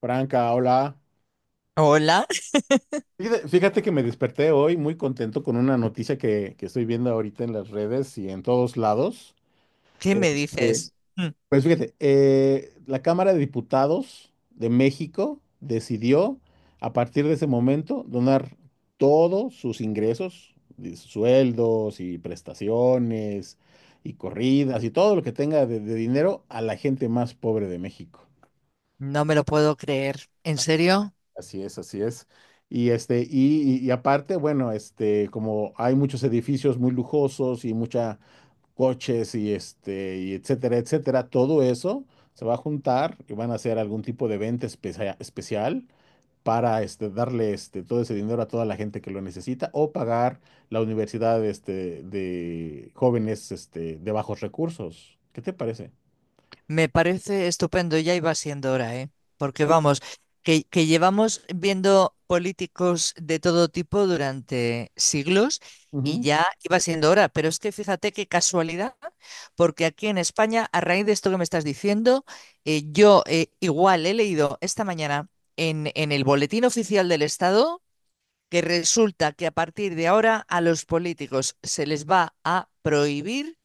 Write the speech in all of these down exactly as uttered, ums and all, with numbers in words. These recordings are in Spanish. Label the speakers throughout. Speaker 1: Franca, hola.
Speaker 2: Hola,
Speaker 1: Fíjate, fíjate que me desperté hoy muy contento con una noticia que, que estoy viendo ahorita en las redes y en todos lados.
Speaker 2: ¿qué me
Speaker 1: Este,
Speaker 2: dices? Mm,
Speaker 1: pues fíjate, eh, la Cámara de Diputados de México decidió a partir de ese momento donar todos sus ingresos, de sueldos y prestaciones y corridas y todo lo que tenga de de dinero a la gente más pobre de México.
Speaker 2: No me lo puedo creer. ¿En serio?
Speaker 1: Así es, así es. Y este, y, y- y aparte, bueno, este, como hay muchos edificios muy lujosos y mucha coches y este, y etcétera, etcétera, todo eso se va a juntar y van a hacer algún tipo de evento especia- especial para este, darle este, todo ese dinero a toda la gente que lo necesita o pagar la universidad este, de jóvenes este, de bajos recursos. ¿Qué te parece?
Speaker 2: Me parece estupendo, ya iba siendo hora, ¿eh? Porque vamos, que, que llevamos viendo políticos de todo tipo durante siglos y
Speaker 1: Ujú.
Speaker 2: ya iba siendo hora. Pero es que fíjate qué casualidad, porque aquí en España, a raíz de esto que me estás diciendo, eh, yo eh, igual he leído esta mañana en, en el Boletín Oficial del Estado que resulta que a partir de ahora a los políticos se les va a prohibir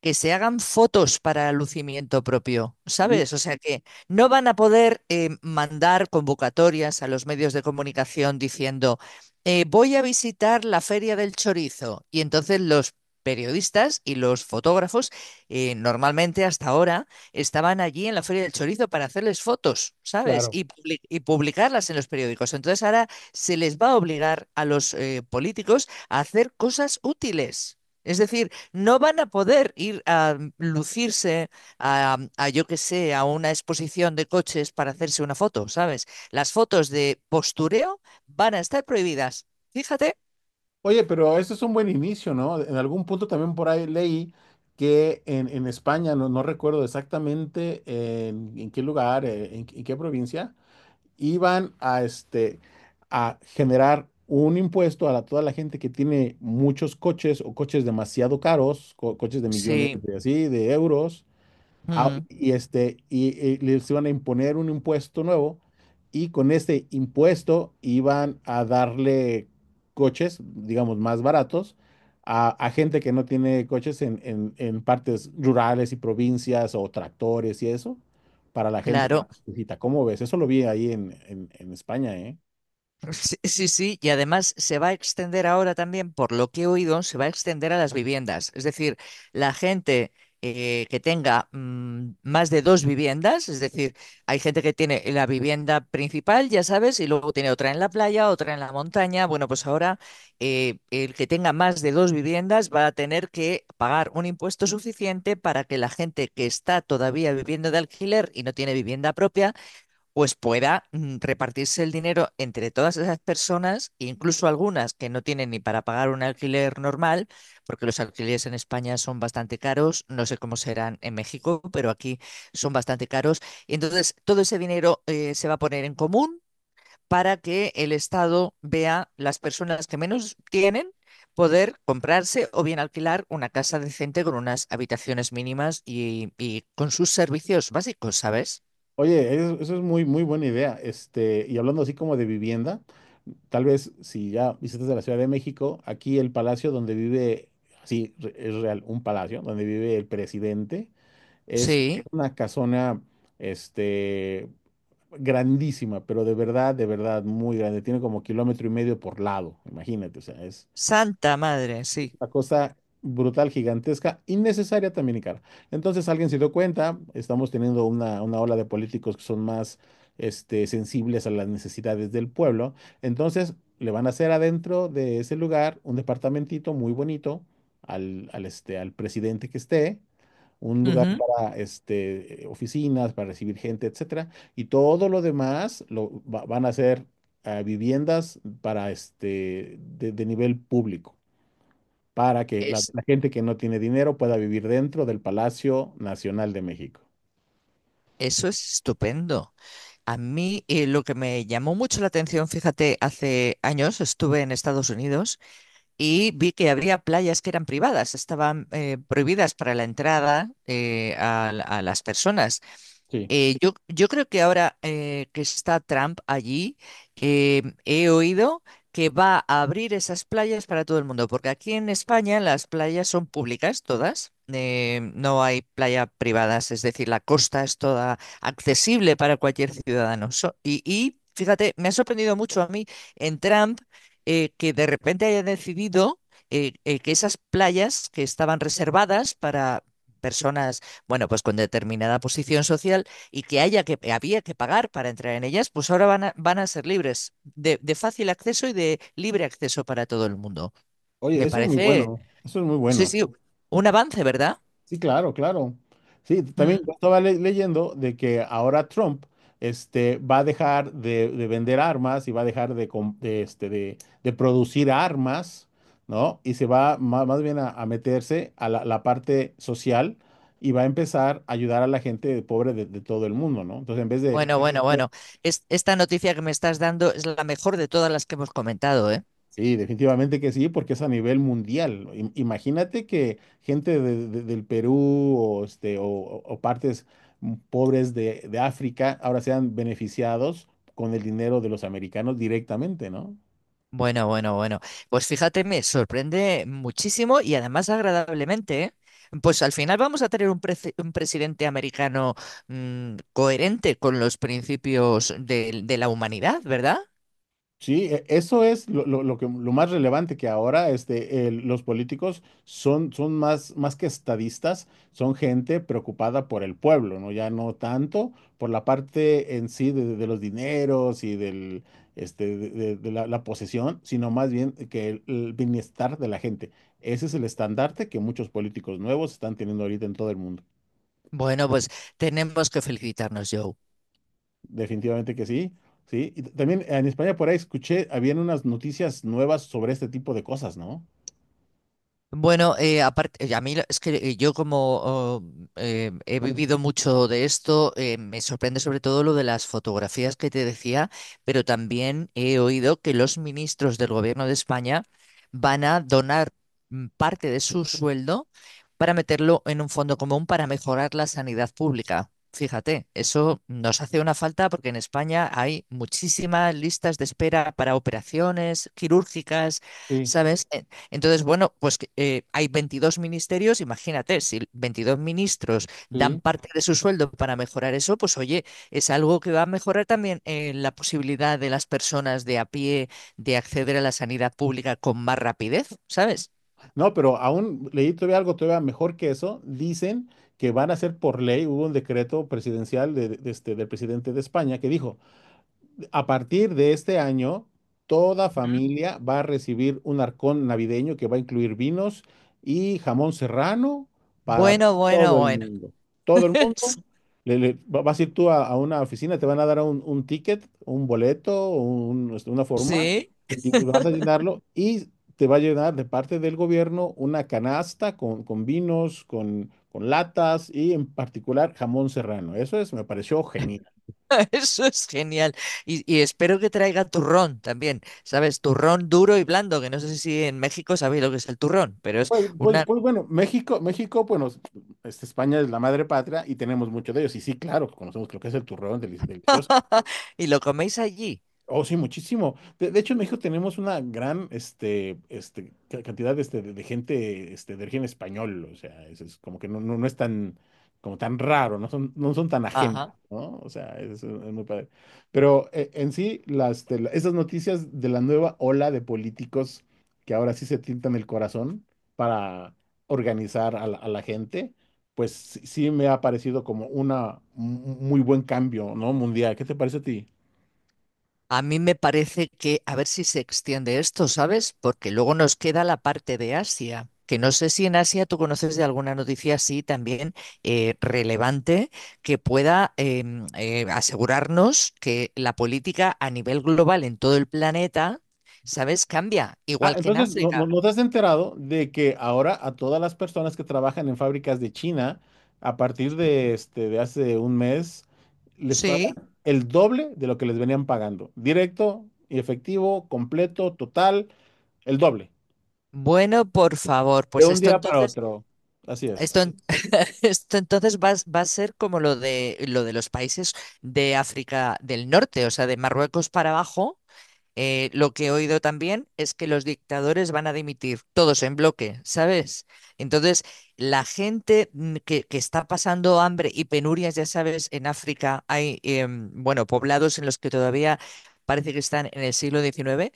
Speaker 2: que se hagan fotos para el lucimiento propio,
Speaker 1: Mm.
Speaker 2: ¿sabes? O sea que no van a poder eh, mandar convocatorias a los medios de comunicación diciendo, eh, voy a visitar la Feria del Chorizo. Y entonces los periodistas y los fotógrafos eh, normalmente hasta ahora estaban allí en la Feria del Chorizo para hacerles fotos, ¿sabes?
Speaker 1: Claro.
Speaker 2: Y, publi- y publicarlas en los periódicos. Entonces ahora se les va a obligar a los eh, políticos a hacer cosas útiles. Es decir, no van a poder ir a lucirse a, a, yo qué sé, a una exposición de coches para hacerse una foto, ¿sabes? Las fotos de postureo van a estar prohibidas. Fíjate.
Speaker 1: Oye, pero eso es un buen inicio, ¿no? En algún punto también por ahí leí que en, en España, no, no recuerdo exactamente en, en qué lugar, eh, en, en qué provincia, iban a, este, a generar un impuesto a la- toda la gente que tiene muchos coches o coches demasiado caros, co- coches de millones
Speaker 2: Sí,
Speaker 1: de así, de euros. Ah,
Speaker 2: mm,
Speaker 1: y este, y, y les iban a imponer un impuesto nuevo, y con este impuesto iban a darle coches, digamos, más baratos a, a gente que no tiene coches en, en- en partes rurales y provincias o tractores y eso, para la gente que
Speaker 2: claro.
Speaker 1: necesita. ¿Cómo ves? Eso lo vi ahí en, en- en España, ¿eh?
Speaker 2: Sí, sí, sí, y además se va a extender ahora también, por lo que he oído, se va a extender a las viviendas. Es decir, la gente eh, que tenga mm, más de dos viviendas, es decir, hay gente que tiene la vivienda principal, ya sabes, y luego tiene otra en la playa, otra en la montaña. Bueno, pues ahora eh, el que tenga más de dos viviendas va a tener que pagar un impuesto suficiente para que la gente que está todavía viviendo de alquiler y no tiene vivienda propia pues pueda mm, repartirse el dinero entre todas esas personas, incluso algunas que no tienen ni para pagar un alquiler normal, porque los alquileres en España son bastante caros, no sé cómo serán en México, pero aquí son bastante caros. Y entonces todo ese dinero eh, se va a poner en común para que el Estado vea las personas que menos tienen poder comprarse o bien alquilar una casa decente con unas habitaciones mínimas y, y con sus servicios básicos, ¿sabes?
Speaker 1: Oye, eso, eso es muy, muy buena idea. Este, y hablando así como de vivienda. Tal vez si ya visitas a la Ciudad de México, aquí el palacio donde vive, sí, re- es real, un palacio donde vive el presidente, es
Speaker 2: Sí.
Speaker 1: una casona, este, grandísima, pero de verdad, de verdad, muy grande. Tiene como kilómetro y medio por lado, imagínate, o sea, es
Speaker 2: Santa Madre, sí.
Speaker 1: una cosa brutal, gigantesca, innecesaria también y cara. Entonces alguien se dio cuenta, estamos teniendo una, una ola de políticos que son más este, sensibles a las necesidades del pueblo. Entonces le van a hacer adentro de ese lugar un departamentito muy bonito al, al, este, al presidente que esté. Un lugar
Speaker 2: Ujú.
Speaker 1: para este, oficinas, para recibir gente, etcétera, y todo lo demás lo va- van a ser eh, viviendas para este de de nivel público para que la,
Speaker 2: Es,
Speaker 1: la gente que no tiene dinero pueda vivir dentro del Palacio Nacional de México.
Speaker 2: eso es estupendo. A mí eh, lo que me llamó mucho la atención, fíjate, hace años estuve en Estados Unidos y vi que habría playas que eran privadas, estaban eh, prohibidas para la entrada eh, a, a las personas.
Speaker 1: Sí.
Speaker 2: Eh, yo, yo creo que ahora eh, que está Trump allí, eh, he oído que va a abrir esas playas para todo el mundo, porque aquí en España las playas son públicas todas, eh, no hay playa privadas, es decir, la costa es toda accesible para cualquier ciudadano. So- y, y fíjate, me ha sorprendido mucho a mí en Trump eh, que de repente haya decidido eh, eh, que esas playas que estaban reservadas para personas, bueno, pues con determinada posición social y que haya que había que pagar para entrar en ellas, pues ahora van a, van a ser libres de, de fácil acceso y de libre acceso para todo el mundo.
Speaker 1: Oye,
Speaker 2: Me
Speaker 1: eso es muy
Speaker 2: parece,
Speaker 1: bueno, eso es muy
Speaker 2: sí,
Speaker 1: bueno.
Speaker 2: sí, un avance, ¿verdad?
Speaker 1: Sí, claro, claro. Sí, también yo
Speaker 2: Mm.
Speaker 1: estaba le- leyendo de que ahora Trump este, va a dejar de, de vender armas y va a dejar de, com- de, este, de, de producir armas, ¿no? Y se va ma- más bien a, a meterse a la, la parte social y va a empezar a ayudar a la gente pobre de, de todo el mundo, ¿no? Entonces, en vez de...
Speaker 2: Bueno, bueno, bueno. Es- esta noticia que me estás dando es la mejor de todas las que hemos comentado, ¿eh?
Speaker 1: Sí, definitivamente que sí, porque es a nivel mundial. Im- Imagínate que gente de- de- del Perú o, este, o, o- o partes mm, pobres de, de África ahora sean beneficiados con el dinero de los americanos directamente, ¿no?
Speaker 2: Bueno, bueno, bueno. Pues fíjate, me sorprende muchísimo y además agradablemente, ¿eh? Pues al final vamos a tener un, prece- un presidente americano mm, coherente con los principios de, de la humanidad, ¿verdad?
Speaker 1: Sí, e- eso es lo, lo- lo que, lo más relevante que ahora este, el- los políticos son, son más, más que estadistas, son gente preocupada por el pueblo, ¿no? Ya no tanto por la parte en sí de, de los dineros y del, este, de, de- de la, la posesión, sino más bien que el, el bienestar de la gente. Ese es el estandarte que muchos políticos nuevos están teniendo ahorita en todo el mundo.
Speaker 2: Bueno, pues tenemos que felicitarnos, Joe.
Speaker 1: Definitivamente que sí, sí. Y t- también en España por ahí escuché, habían unas noticias nuevas sobre este tipo de cosas, ¿no?
Speaker 2: Bueno, eh, aparte, eh, a mí lo- es que eh, yo como oh, eh, he vivido mucho de esto, eh, me sorprende sobre todo lo de las fotografías que te decía, pero también he oído que los ministros del gobierno de España van a donar mm, parte de su sueldo para meterlo en un fondo común para mejorar la sanidad pública. Fíjate, eso nos hace una falta porque en España hay muchísimas listas de espera para operaciones quirúrgicas.
Speaker 1: Sí,
Speaker 2: ¿Sabes? Entonces, bueno, pues eh, hay veintidós ministerios, imagínate, si veintidós ministros dan
Speaker 1: sí.
Speaker 2: parte de su sueldo para mejorar eso, pues oye, es algo que va a mejorar también eh, la posibilidad de las personas de a pie de acceder a la sanidad pública con más rapidez, ¿sabes?
Speaker 1: No, pero aún leí todavía algo todavía mejor que eso. Dicen que van a hacer por ley, hubo un decreto presidencial de, de este, del presidente de España que dijo, a partir de este año, toda familia va a recibir un arcón navideño que va a incluir vinos y jamón serrano para
Speaker 2: Bueno, bueno,
Speaker 1: todo el
Speaker 2: bueno.
Speaker 1: mundo. Todo el mundo. Le- le- va- vas a ir tú a, a una oficina, te van a dar un, un ticket, un boleto, un- este, una forma,
Speaker 2: Sí,
Speaker 1: y vas a llenarlo y te va a llenar de parte del gobierno una canasta con, con vinos, con, con latas y en particular jamón serrano. Eso es, me pareció genial.
Speaker 2: eso es genial. Y, y espero que traiga turrón también, ¿sabes? Turrón duro y blando, que no sé si en México sabéis lo que es el turrón, pero es
Speaker 1: Pues, pues,
Speaker 2: una...
Speaker 1: pues bueno, México, México, bueno, es- este, España es la madre patria y tenemos mucho de ellos. Y sí, claro, conocemos lo que es el turrón deli- delicioso.
Speaker 2: y lo coméis allí.
Speaker 1: Oh, sí, muchísimo. De, de hecho, en México tenemos una gran este, este, ca- cantidad este, de, de gente este, de origen español. O sea, es, es como que no, no, no es tan, como tan raro, no son, no son tan ajenos,
Speaker 2: Ajá.
Speaker 1: ¿no? O sea, es, es muy padre. Pero eh, en sí, las, de la- esas noticias de la nueva ola de políticos que ahora sí se tientan el corazón para organizar a la, a la gente, pues sí, sí me ha parecido como una, un un muy buen cambio, ¿no? Mundial. ¿Qué te parece a ti?
Speaker 2: A mí me parece que a ver si se extiende esto, ¿sabes? Porque luego nos queda la parte de Asia, que no sé si en Asia tú conoces de alguna noticia así también eh, relevante que pueda em, eh, asegurarnos que la política a nivel global en todo el planeta, ¿sabes? Cambia,
Speaker 1: Ah,
Speaker 2: igual que en
Speaker 1: entonces, ¿no, no,
Speaker 2: África.
Speaker 1: no te has enterado de que ahora a todas las personas que trabajan en fábricas de China, a partir de, este, de hace un mes, les pagan
Speaker 2: Sí.
Speaker 1: el doble de lo que les venían pagando? Directo y efectivo, completo, total, el doble.
Speaker 2: Bueno, por favor,
Speaker 1: De
Speaker 2: pues
Speaker 1: un
Speaker 2: esto
Speaker 1: día para
Speaker 2: entonces...
Speaker 1: otro. Así es.
Speaker 2: Esto, en- esto entonces va, a va a ser como lo de, lo de los países de África del Norte, o sea, de Marruecos para abajo. Eh, lo que he oído también es que los dictadores van a dimitir, todos en bloque, ¿sabes? Entonces, la gente mm, que, que está pasando hambre y penurias, ya sabes, en África hay, em, bueno, poblados en los que todavía parece que están en el siglo diecinueve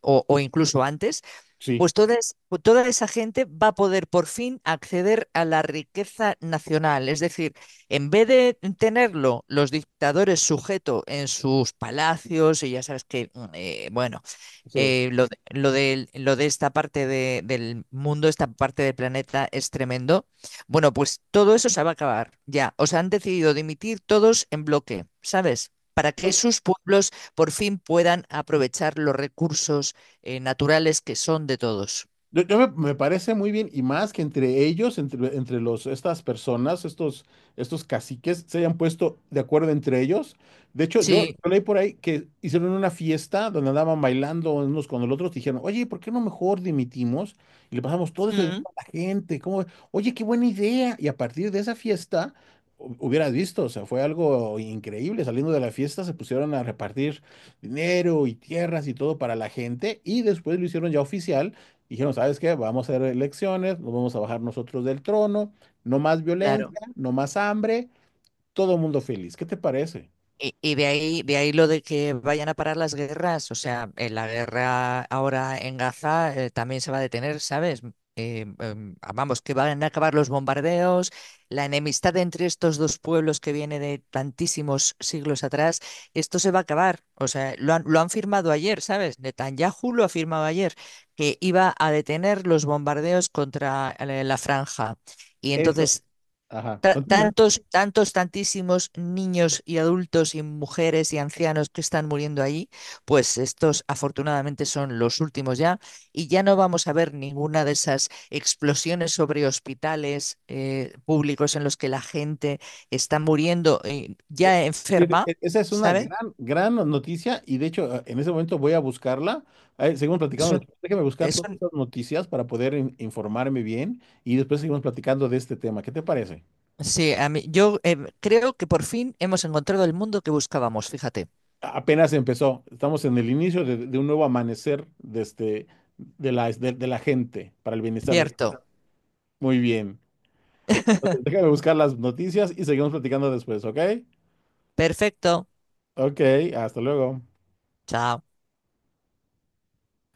Speaker 2: o, o incluso antes
Speaker 1: Sí,
Speaker 2: pues toda, es- pues toda esa gente va a poder por fin acceder a la riqueza nacional. Es decir, en vez de tenerlo los dictadores sujeto en sus palacios, y ya sabes que, mm, eh, bueno,
Speaker 1: sí.
Speaker 2: eh, lo, de, lo del- lo de esta parte de- del mundo, esta parte del planeta es tremendo. Bueno, pues todo eso se va a acabar ya. Os han decidido dimitir todos en bloque, ¿sabes? Para que sus pueblos por fin puedan aprovechar los recursos eh, naturales que son de todos.
Speaker 1: Yo, yo me, me parece muy bien, y más que entre ellos, entre, entre los, estas personas, estos, estos caciques, se hayan puesto de acuerdo entre ellos. De hecho, yo
Speaker 2: Sí,
Speaker 1: leí por ahí que hicieron una fiesta donde andaban bailando unos con los otros, dijeron, oye, ¿por qué no mejor dimitimos y le pasamos todo eso dinero
Speaker 2: Mm.
Speaker 1: a la gente? ¿Cómo ve? Oye, qué buena idea. Y a partir de esa fiesta, hu- hubieras visto, o sea, fue algo increíble. Saliendo de la fiesta, se pusieron a repartir dinero y tierras y todo para la gente, y después lo hicieron ya oficial. Dijeron, ¿sabes qué? Vamos a hacer elecciones, nos vamos a bajar nosotros del trono, no más violencia,
Speaker 2: claro.
Speaker 1: no más hambre, todo mundo feliz. ¿Qué te parece?
Speaker 2: Y, y de ahí, de ahí lo de que vayan a parar las guerras, o sea, eh, la guerra ahora en Gaza eh, también se va a detener, ¿sabes? Eh, em, ah, vamos, que van a acabar los bombardeos, la enemistad entre estos dos pueblos que viene de tantísimos siglos atrás, esto se va a acabar. O sea, lo han, lo han firmado ayer, ¿sabes? Netanyahu lo ha firmado ayer, que iba a detener los bombardeos contra eh, la franja. Y
Speaker 1: Eso,
Speaker 2: entonces
Speaker 1: ajá,
Speaker 2: ta-
Speaker 1: continúa.
Speaker 2: tantos, tantos, tantísimos niños y adultos y mujeres y ancianos que están muriendo allí, pues estos afortunadamente son los últimos ya y ya no vamos a ver ninguna de esas explosiones sobre hospitales eh, públicos en los que la gente está muriendo eh,
Speaker 1: Eh,
Speaker 2: ya
Speaker 1: Fíjate,
Speaker 2: enferma,
Speaker 1: e- esa es una
Speaker 2: ¿sabes?
Speaker 1: gran, gran noticia y de hecho eh, en ese momento voy a buscarla. Eh, seguimos
Speaker 2: Es
Speaker 1: platicando
Speaker 2: un-
Speaker 1: después. Déjame buscar
Speaker 2: es
Speaker 1: todas
Speaker 2: un-
Speaker 1: estas noticias para poder in- informarme bien y después seguimos platicando de este tema. ¿Qué te parece?
Speaker 2: sí, a mí, yo eh, creo que por fin hemos encontrado el mundo que buscábamos, fíjate.
Speaker 1: A- Apenas empezó. Estamos en el inicio de, de un nuevo amanecer de, este, de la, de de la gente para el bienestar de...
Speaker 2: Cierto.
Speaker 1: Muy bien. Déjame buscar las noticias y seguimos platicando después, ¿ok?
Speaker 2: Perfecto.
Speaker 1: Ok, hasta luego.
Speaker 2: Chao.